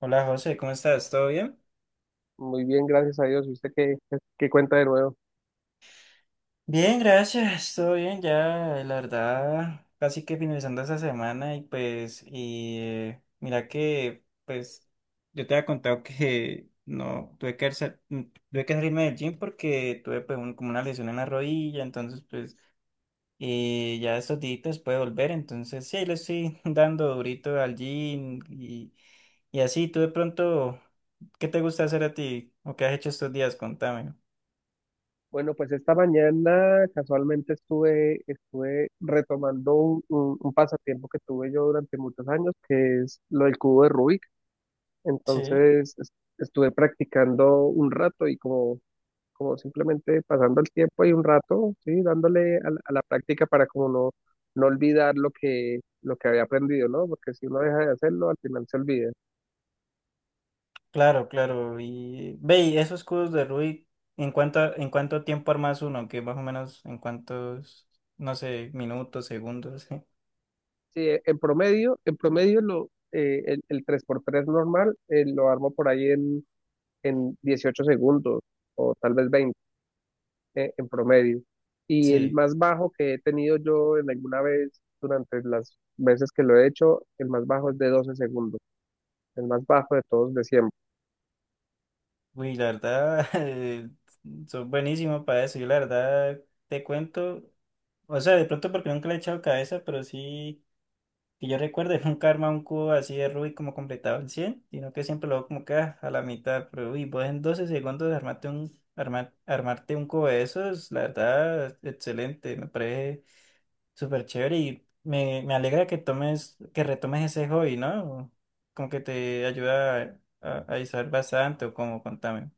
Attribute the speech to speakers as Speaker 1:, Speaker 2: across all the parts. Speaker 1: Hola José, ¿cómo estás? ¿Todo bien?
Speaker 2: Muy bien, gracias a Dios. ¿Y usted qué cuenta de nuevo?
Speaker 1: Bien, gracias, todo bien ya, la verdad, casi que finalizando esta semana y pues, y mira que, pues, yo te había contado que no, tuve que, tuve que salirme del gym porque tuve pues como una lesión en la rodilla, entonces pues, ya estos días puede volver, entonces sí, ahí le estoy dando durito al gym y así, tú de pronto, ¿qué te gusta hacer a ti o qué has hecho estos días? Contame.
Speaker 2: Bueno, pues esta mañana casualmente estuve retomando un pasatiempo que tuve yo durante muchos años, que es lo del cubo de Rubik.
Speaker 1: Sí.
Speaker 2: Entonces es- Estuve practicando un rato y como simplemente pasando el tiempo y un rato, sí, dándole a la práctica para como no olvidar lo que había aprendido, ¿no? Porque si uno deja de hacerlo, al final se olvida.
Speaker 1: Claro, claro. Y ve, y esos cubos de Rubik, ¿en cuánto tiempo armas uno? Que más o menos en cuántos, no sé, minutos, segundos.
Speaker 2: Sí, en promedio el 3x3 normal lo armo por ahí en 18 segundos o tal vez 20 en promedio. Y el
Speaker 1: Sí.
Speaker 2: más bajo que he tenido yo en alguna vez durante las veces que lo he hecho, el más bajo es de 12 segundos, el más bajo de todos de siempre.
Speaker 1: Uy, la verdad, son buenísimos para eso. Yo la verdad te cuento, o sea, de pronto porque nunca le he echado cabeza, pero sí. Que yo recuerde, nunca arma un cubo así de Rubik como completado en 100 sino que siempre lo hago como que ah, a la mitad. Pero uy, vos en 12 segundos armarte un, armarte un cubo de esos, la verdad, excelente. Me parece súper chévere y me alegra que tomes, que retomes ese hobby, ¿no? Como que te ayuda a distraer bastante o como, contame.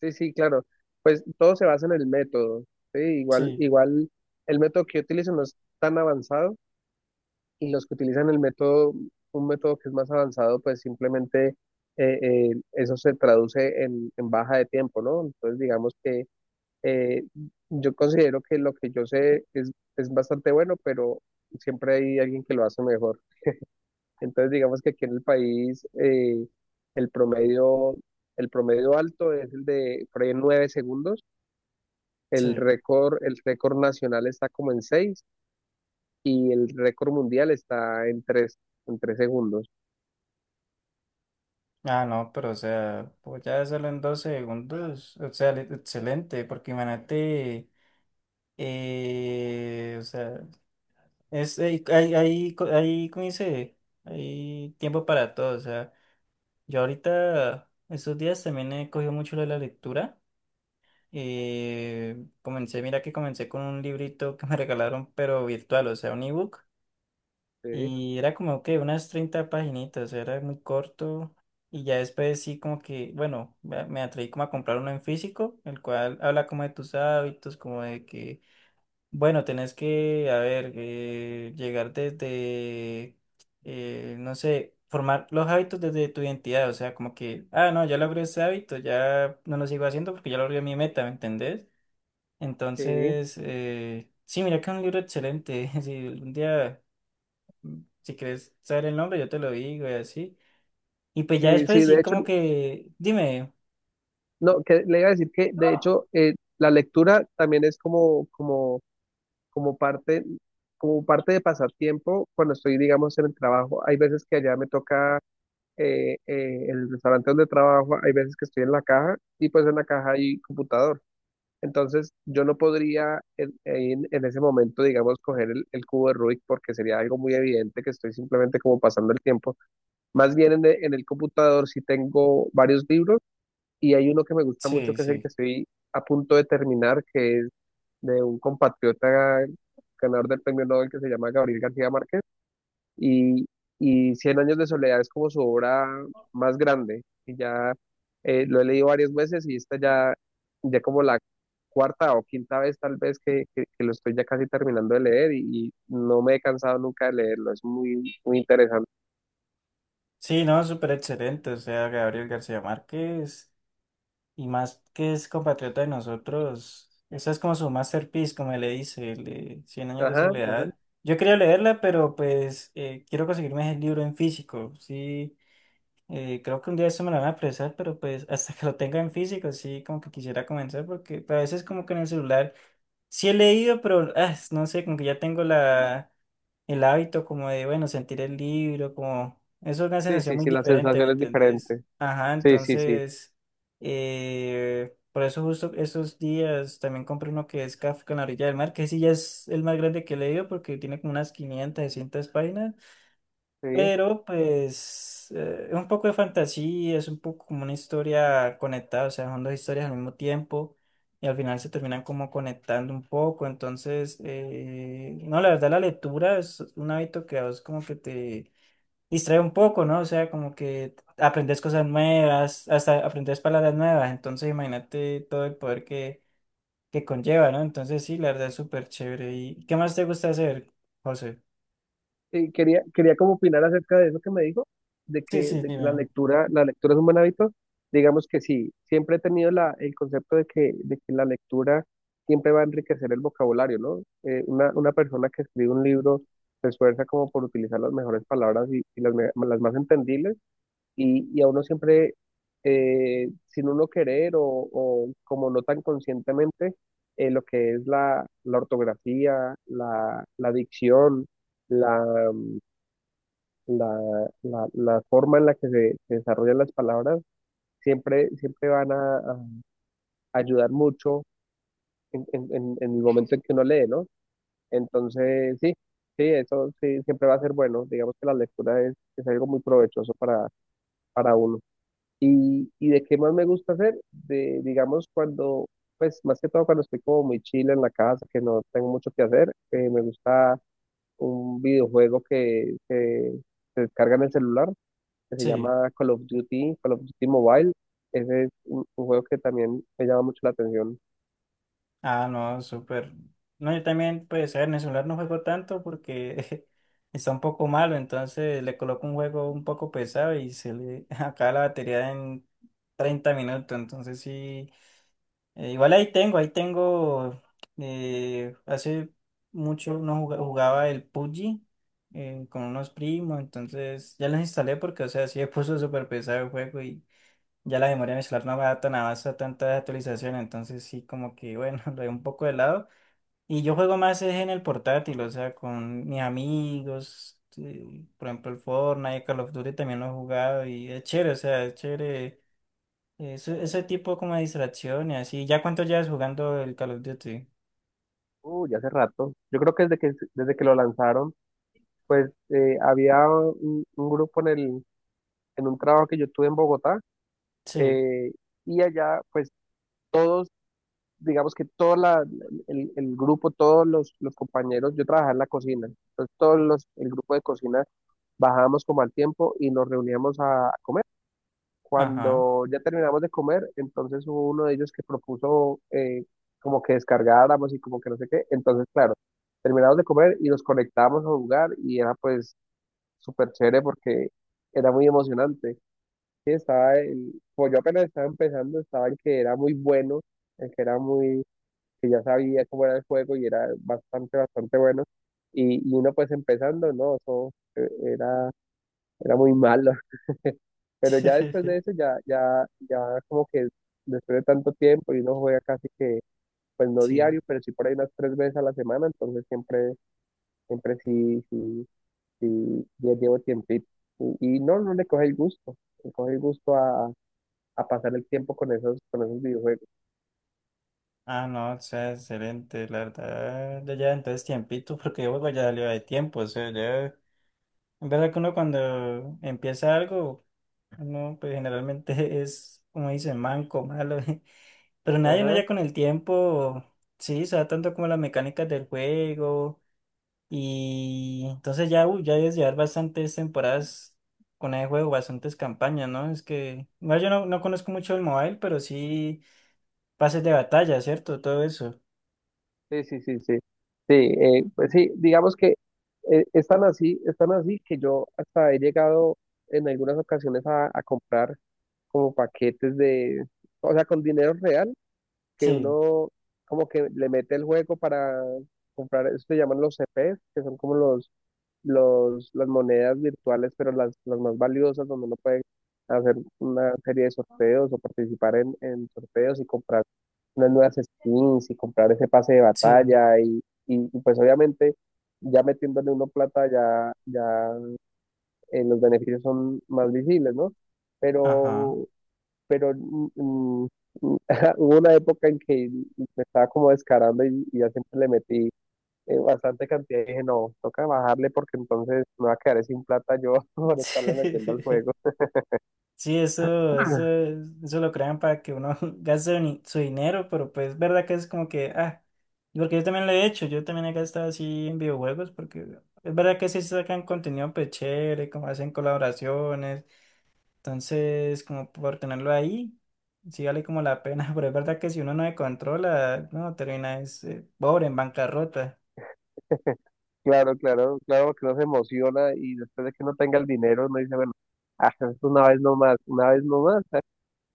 Speaker 2: Sí, sí, claro. Pues todo se basa en el método, ¿sí? Igual,
Speaker 1: Sí,
Speaker 2: igual el método que yo utilizo no es tan avanzado y los que utilizan el método, un método que es más avanzado, pues simplemente eso se traduce en baja de tiempo, ¿no? Entonces, digamos que eh, yo considero que lo que yo sé es bastante bueno, pero siempre hay alguien que lo hace mejor. Entonces, digamos que aquí en el país el promedio, el promedio alto es el de por ahí en 9 segundos. El
Speaker 1: sí.
Speaker 2: récord, el récord nacional está como en 6 y el récord mundial está en tres segundos.
Speaker 1: Ah, no, pero o sea, pues ya hacerlo en 12 segundos, o sea, excelente, porque imagínate. O sea, es, hay, ¿cómo dice? Hay tiempo para todo. O sea, yo ahorita, estos días también he cogido mucho lo de la lectura. Comencé, mira que comencé con un librito que me regalaron, pero virtual, o sea, un ebook.
Speaker 2: Sí,
Speaker 1: Y era como que unas 30 paginitas, o sea, era muy corto. Y ya después sí como que, bueno, me atreví como a comprar uno en físico, el cual habla como de tus hábitos, como de que bueno, tenés que, a ver, llegar desde, no sé, formar los hábitos desde tu identidad, o sea, como que, ah, no, ya logré ese hábito, ya no lo sigo haciendo porque ya logré mi meta, ¿me entendés?
Speaker 2: sí,
Speaker 1: Entonces, sí, mira que es un libro excelente, si un día, si quieres saber el nombre, yo te lo digo y así. Y pues ya
Speaker 2: sí, sí,
Speaker 1: después
Speaker 2: de
Speaker 1: sí,
Speaker 2: hecho,
Speaker 1: como que, dime.
Speaker 2: no, que le iba a decir que de
Speaker 1: No.
Speaker 2: hecho la lectura también es como parte, como parte de pasatiempo cuando estoy, digamos, en el trabajo. Hay veces que allá me toca el restaurante donde trabajo, hay veces que estoy en la caja y pues en la caja hay computador. Entonces yo no podría en, en ese momento, digamos, coger el cubo de Rubik porque sería algo muy evidente que estoy simplemente como pasando el tiempo. Más bien en, en el computador sí tengo varios libros. Y hay uno que me gusta mucho,
Speaker 1: Sí,
Speaker 2: que es el que
Speaker 1: sí.
Speaker 2: estoy a punto de terminar, que es de un compatriota ganador del premio Nobel que se llama Gabriel García Márquez. Y, y Cien años de soledad es como su obra más grande. Y ya lo he leído varias veces y esta ya, ya como la cuarta o quinta vez tal vez que lo estoy ya casi terminando de leer y no me he cansado nunca de leerlo. Es muy, muy interesante.
Speaker 1: Sí, no, súper excelente, o sea, Gabriel García Márquez. Y más que es compatriota de nosotros, esa es como su masterpiece, como le dice, el de Cien años de
Speaker 2: Ajá, ajá.
Speaker 1: soledad. Yo quería leerla, pero pues quiero conseguirme el libro en físico. Sí, creo que un día eso me lo van a prestar, pero pues hasta que lo tenga en físico, sí, como que quisiera comenzar, porque pues, a veces como que en el celular sí he leído, pero ah, no sé, como que ya tengo la, el hábito como de, bueno, sentir el libro, como, eso es una
Speaker 2: Sí,
Speaker 1: sensación
Speaker 2: sí,
Speaker 1: muy
Speaker 2: sí, la
Speaker 1: diferente, ¿me
Speaker 2: sensación es
Speaker 1: entendés?
Speaker 2: diferente.
Speaker 1: Ajá,
Speaker 2: Sí, sí, sí.
Speaker 1: entonces, por eso justo esos días también compré uno que es Kafka en la orilla del mar, que sí ya es el más grande que he leído porque tiene como unas 500, 600 páginas.
Speaker 2: Sí.
Speaker 1: Pero pues es un poco de fantasía, es un poco como una historia conectada, o sea, son dos historias al mismo tiempo y al final se terminan como conectando un poco, entonces, no, la verdad la lectura es un hábito que a vos como que te distrae un poco, ¿no? O sea, como que aprendes cosas nuevas, hasta aprendes palabras nuevas, entonces imagínate todo el poder que conlleva, ¿no? Entonces sí, la verdad es súper chévere. ¿Y qué más te gusta hacer, José?
Speaker 2: Quería como opinar acerca de eso que me dijo, de
Speaker 1: Sí,
Speaker 2: que,
Speaker 1: sí,
Speaker 2: de que la
Speaker 1: dime.
Speaker 2: lectura, la lectura es un buen hábito. Digamos que sí, siempre he tenido el concepto de que la lectura siempre va a enriquecer el vocabulario, ¿no? Una persona que escribe un libro se esfuerza como por utilizar las mejores palabras y las más entendibles y a uno siempre, sin uno querer o como no tan conscientemente, lo que es la ortografía, la dicción, la, la forma en la que se desarrollan las palabras siempre van a ayudar mucho en, en el momento en que uno lee, ¿no? Entonces, sí, sí, eso sí, siempre va a ser bueno. Digamos que la lectura es algo muy provechoso para uno. Y de qué más me gusta hacer, digamos, cuando, pues más que todo cuando estoy como muy chile en la casa, que no tengo mucho que hacer, me gusta un videojuego se descarga en el celular que se
Speaker 1: Sí.
Speaker 2: llama Call of Duty Mobile. Ese es un juego que también me llama mucho la atención.
Speaker 1: Ah, no, súper. No, yo también, pues, a ver, en el celular no juego tanto porque está un poco malo, entonces le coloco un juego un poco pesado y se le acaba la batería en 30 minutos, entonces sí. Igual ahí tengo, hace mucho no juga- jugaba el PUBG con unos primos, entonces ya los instalé porque, o sea, sí me puso súper pesado el juego y ya la memoria muscular no me da tan avance a tantas actualizaciones, entonces sí, como que bueno, lo dejo un poco de lado. Y yo juego más es en el portátil, o sea, con mis amigos, sí, por ejemplo, el Fortnite, Call of Duty también lo he jugado y es chévere, o sea, es chévere. Eso, ese tipo como de distracción y así. ¿Ya cuánto llevas jugando el Call of Duty?
Speaker 2: Ya hace rato. Yo creo que desde que lo lanzaron, pues había un grupo en un trabajo que yo tuve en Bogotá,
Speaker 1: Sí,
Speaker 2: eh, y allá, pues todos, digamos que el grupo, todos los compañeros, yo trabajaba en la cocina, entonces el grupo de cocina bajábamos como al tiempo y nos reuníamos a comer.
Speaker 1: ajá.
Speaker 2: Cuando ya terminamos de comer, entonces hubo uno de ellos que propuso como que descargáramos y como que no sé qué. Entonces, claro, terminamos de comer y nos conectábamos a jugar y era pues súper chévere porque era muy emocionante. Sí, estaba el, pues yo apenas estaba empezando, estaba el que era muy bueno, el que era muy, que ya sabía cómo era el juego y era bastante, bastante bueno. Y uno pues empezando, ¿no? Eso eh, era, era muy malo. Pero ya después de eso, ya como que después de tanto tiempo y uno juega casi que, pues no
Speaker 1: Sí.
Speaker 2: diario, pero sí por ahí unas tres veces a la semana, entonces siempre sí, sí, sí, ya llevo tiempito. Y no, no le coge el gusto, le coge el gusto a pasar el tiempo con esos videojuegos.
Speaker 1: Ah, no, o sea, excelente, la verdad. Ya lleva entonces tiempito, porque yo juego ya salió de tiempo, o sea, ya. Es verdad que uno cuando empieza algo, uno pues generalmente es, como dicen, manco, malo, pero nadie uno
Speaker 2: Ajá,
Speaker 1: ya con el tiempo, sí, sabe tanto como las mecánicas del juego, y entonces ya, uy, ya debes llevar bastantes temporadas con el juego, bastantes campañas, ¿no? Es que, bueno, yo no, no conozco mucho el mobile, pero sí pases de batalla, ¿cierto? Todo eso.
Speaker 2: sí, sí, sí, sí. Sí, pues sí, digamos que están así que yo hasta he llegado en algunas ocasiones a comprar como paquetes de, o sea, con dinero real, que
Speaker 1: Sí,
Speaker 2: uno como que le mete el juego para comprar, eso se llaman los CPs, que son como las monedas virtuales, pero las más valiosas, donde uno puede hacer una serie de sorteos o participar en sorteos y comprar unas nuevas skins y comprar ese pase de
Speaker 1: sí,
Speaker 2: batalla y pues obviamente ya metiéndole uno plata ya los beneficios son más visibles, ¿no?
Speaker 1: ajá.
Speaker 2: Pero pero hubo una época en que me estaba como descarando y ya siempre le metí bastante cantidad y dije, no, toca bajarle porque entonces me va a quedar sin plata yo por estarle metiendo al juego.
Speaker 1: Sí, eso lo crean para que uno gaste ni- su dinero, pero pues es verdad que es como que, ah, porque yo también lo he hecho, yo también he gastado así en videojuegos, porque es verdad que sí sacan contenido pues chévere, como hacen colaboraciones, entonces como por tenerlo ahí, sí vale como la pena, pero es verdad que si uno no se controla, no, termina es pobre, en bancarrota,
Speaker 2: Claro, claro, claro que uno se emociona y después de que no tenga el dinero uno dice, bueno, es una vez nomás, una vez nomás. ¿Sabes?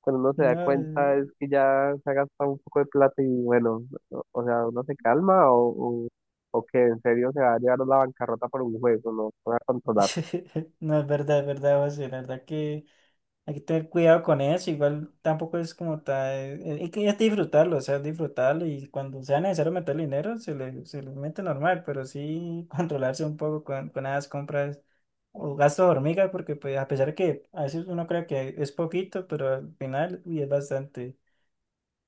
Speaker 2: Cuando uno se
Speaker 1: no,
Speaker 2: da cuenta es que ya se ha gastado un poco de plata y bueno, o sea, uno se calma o que en serio se va a llevar a la bancarrota por un juego, no se va a controlar.
Speaker 1: no, es verdad, José, la verdad que... Hay que tener cuidado con eso, igual tampoco es como tal, hay que es disfrutarlo, o sea, disfrutarlo y cuando sea necesario meter dinero, se le mete normal, pero sí controlarse un poco con esas compras o gastos de hormiga, porque pues a pesar que a veces uno cree que es poquito, pero al final, uy, es bastante.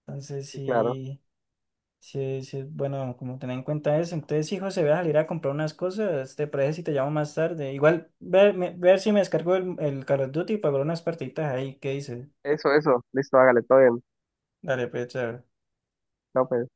Speaker 1: Entonces
Speaker 2: Sí, claro.
Speaker 1: sí, sí, sí, es bueno, como tener en cuenta eso. Entonces, hijo, se ve a salir a comprar unas cosas, te parece si te llamo más tarde. Igual ver, ver si me descargo el Call of Duty y pagar unas partiditas ahí, ¿qué dices?
Speaker 2: Eso, eso. Listo, hágale, todo bien.
Speaker 1: Dale, pues, chao.
Speaker 2: Chao, pues.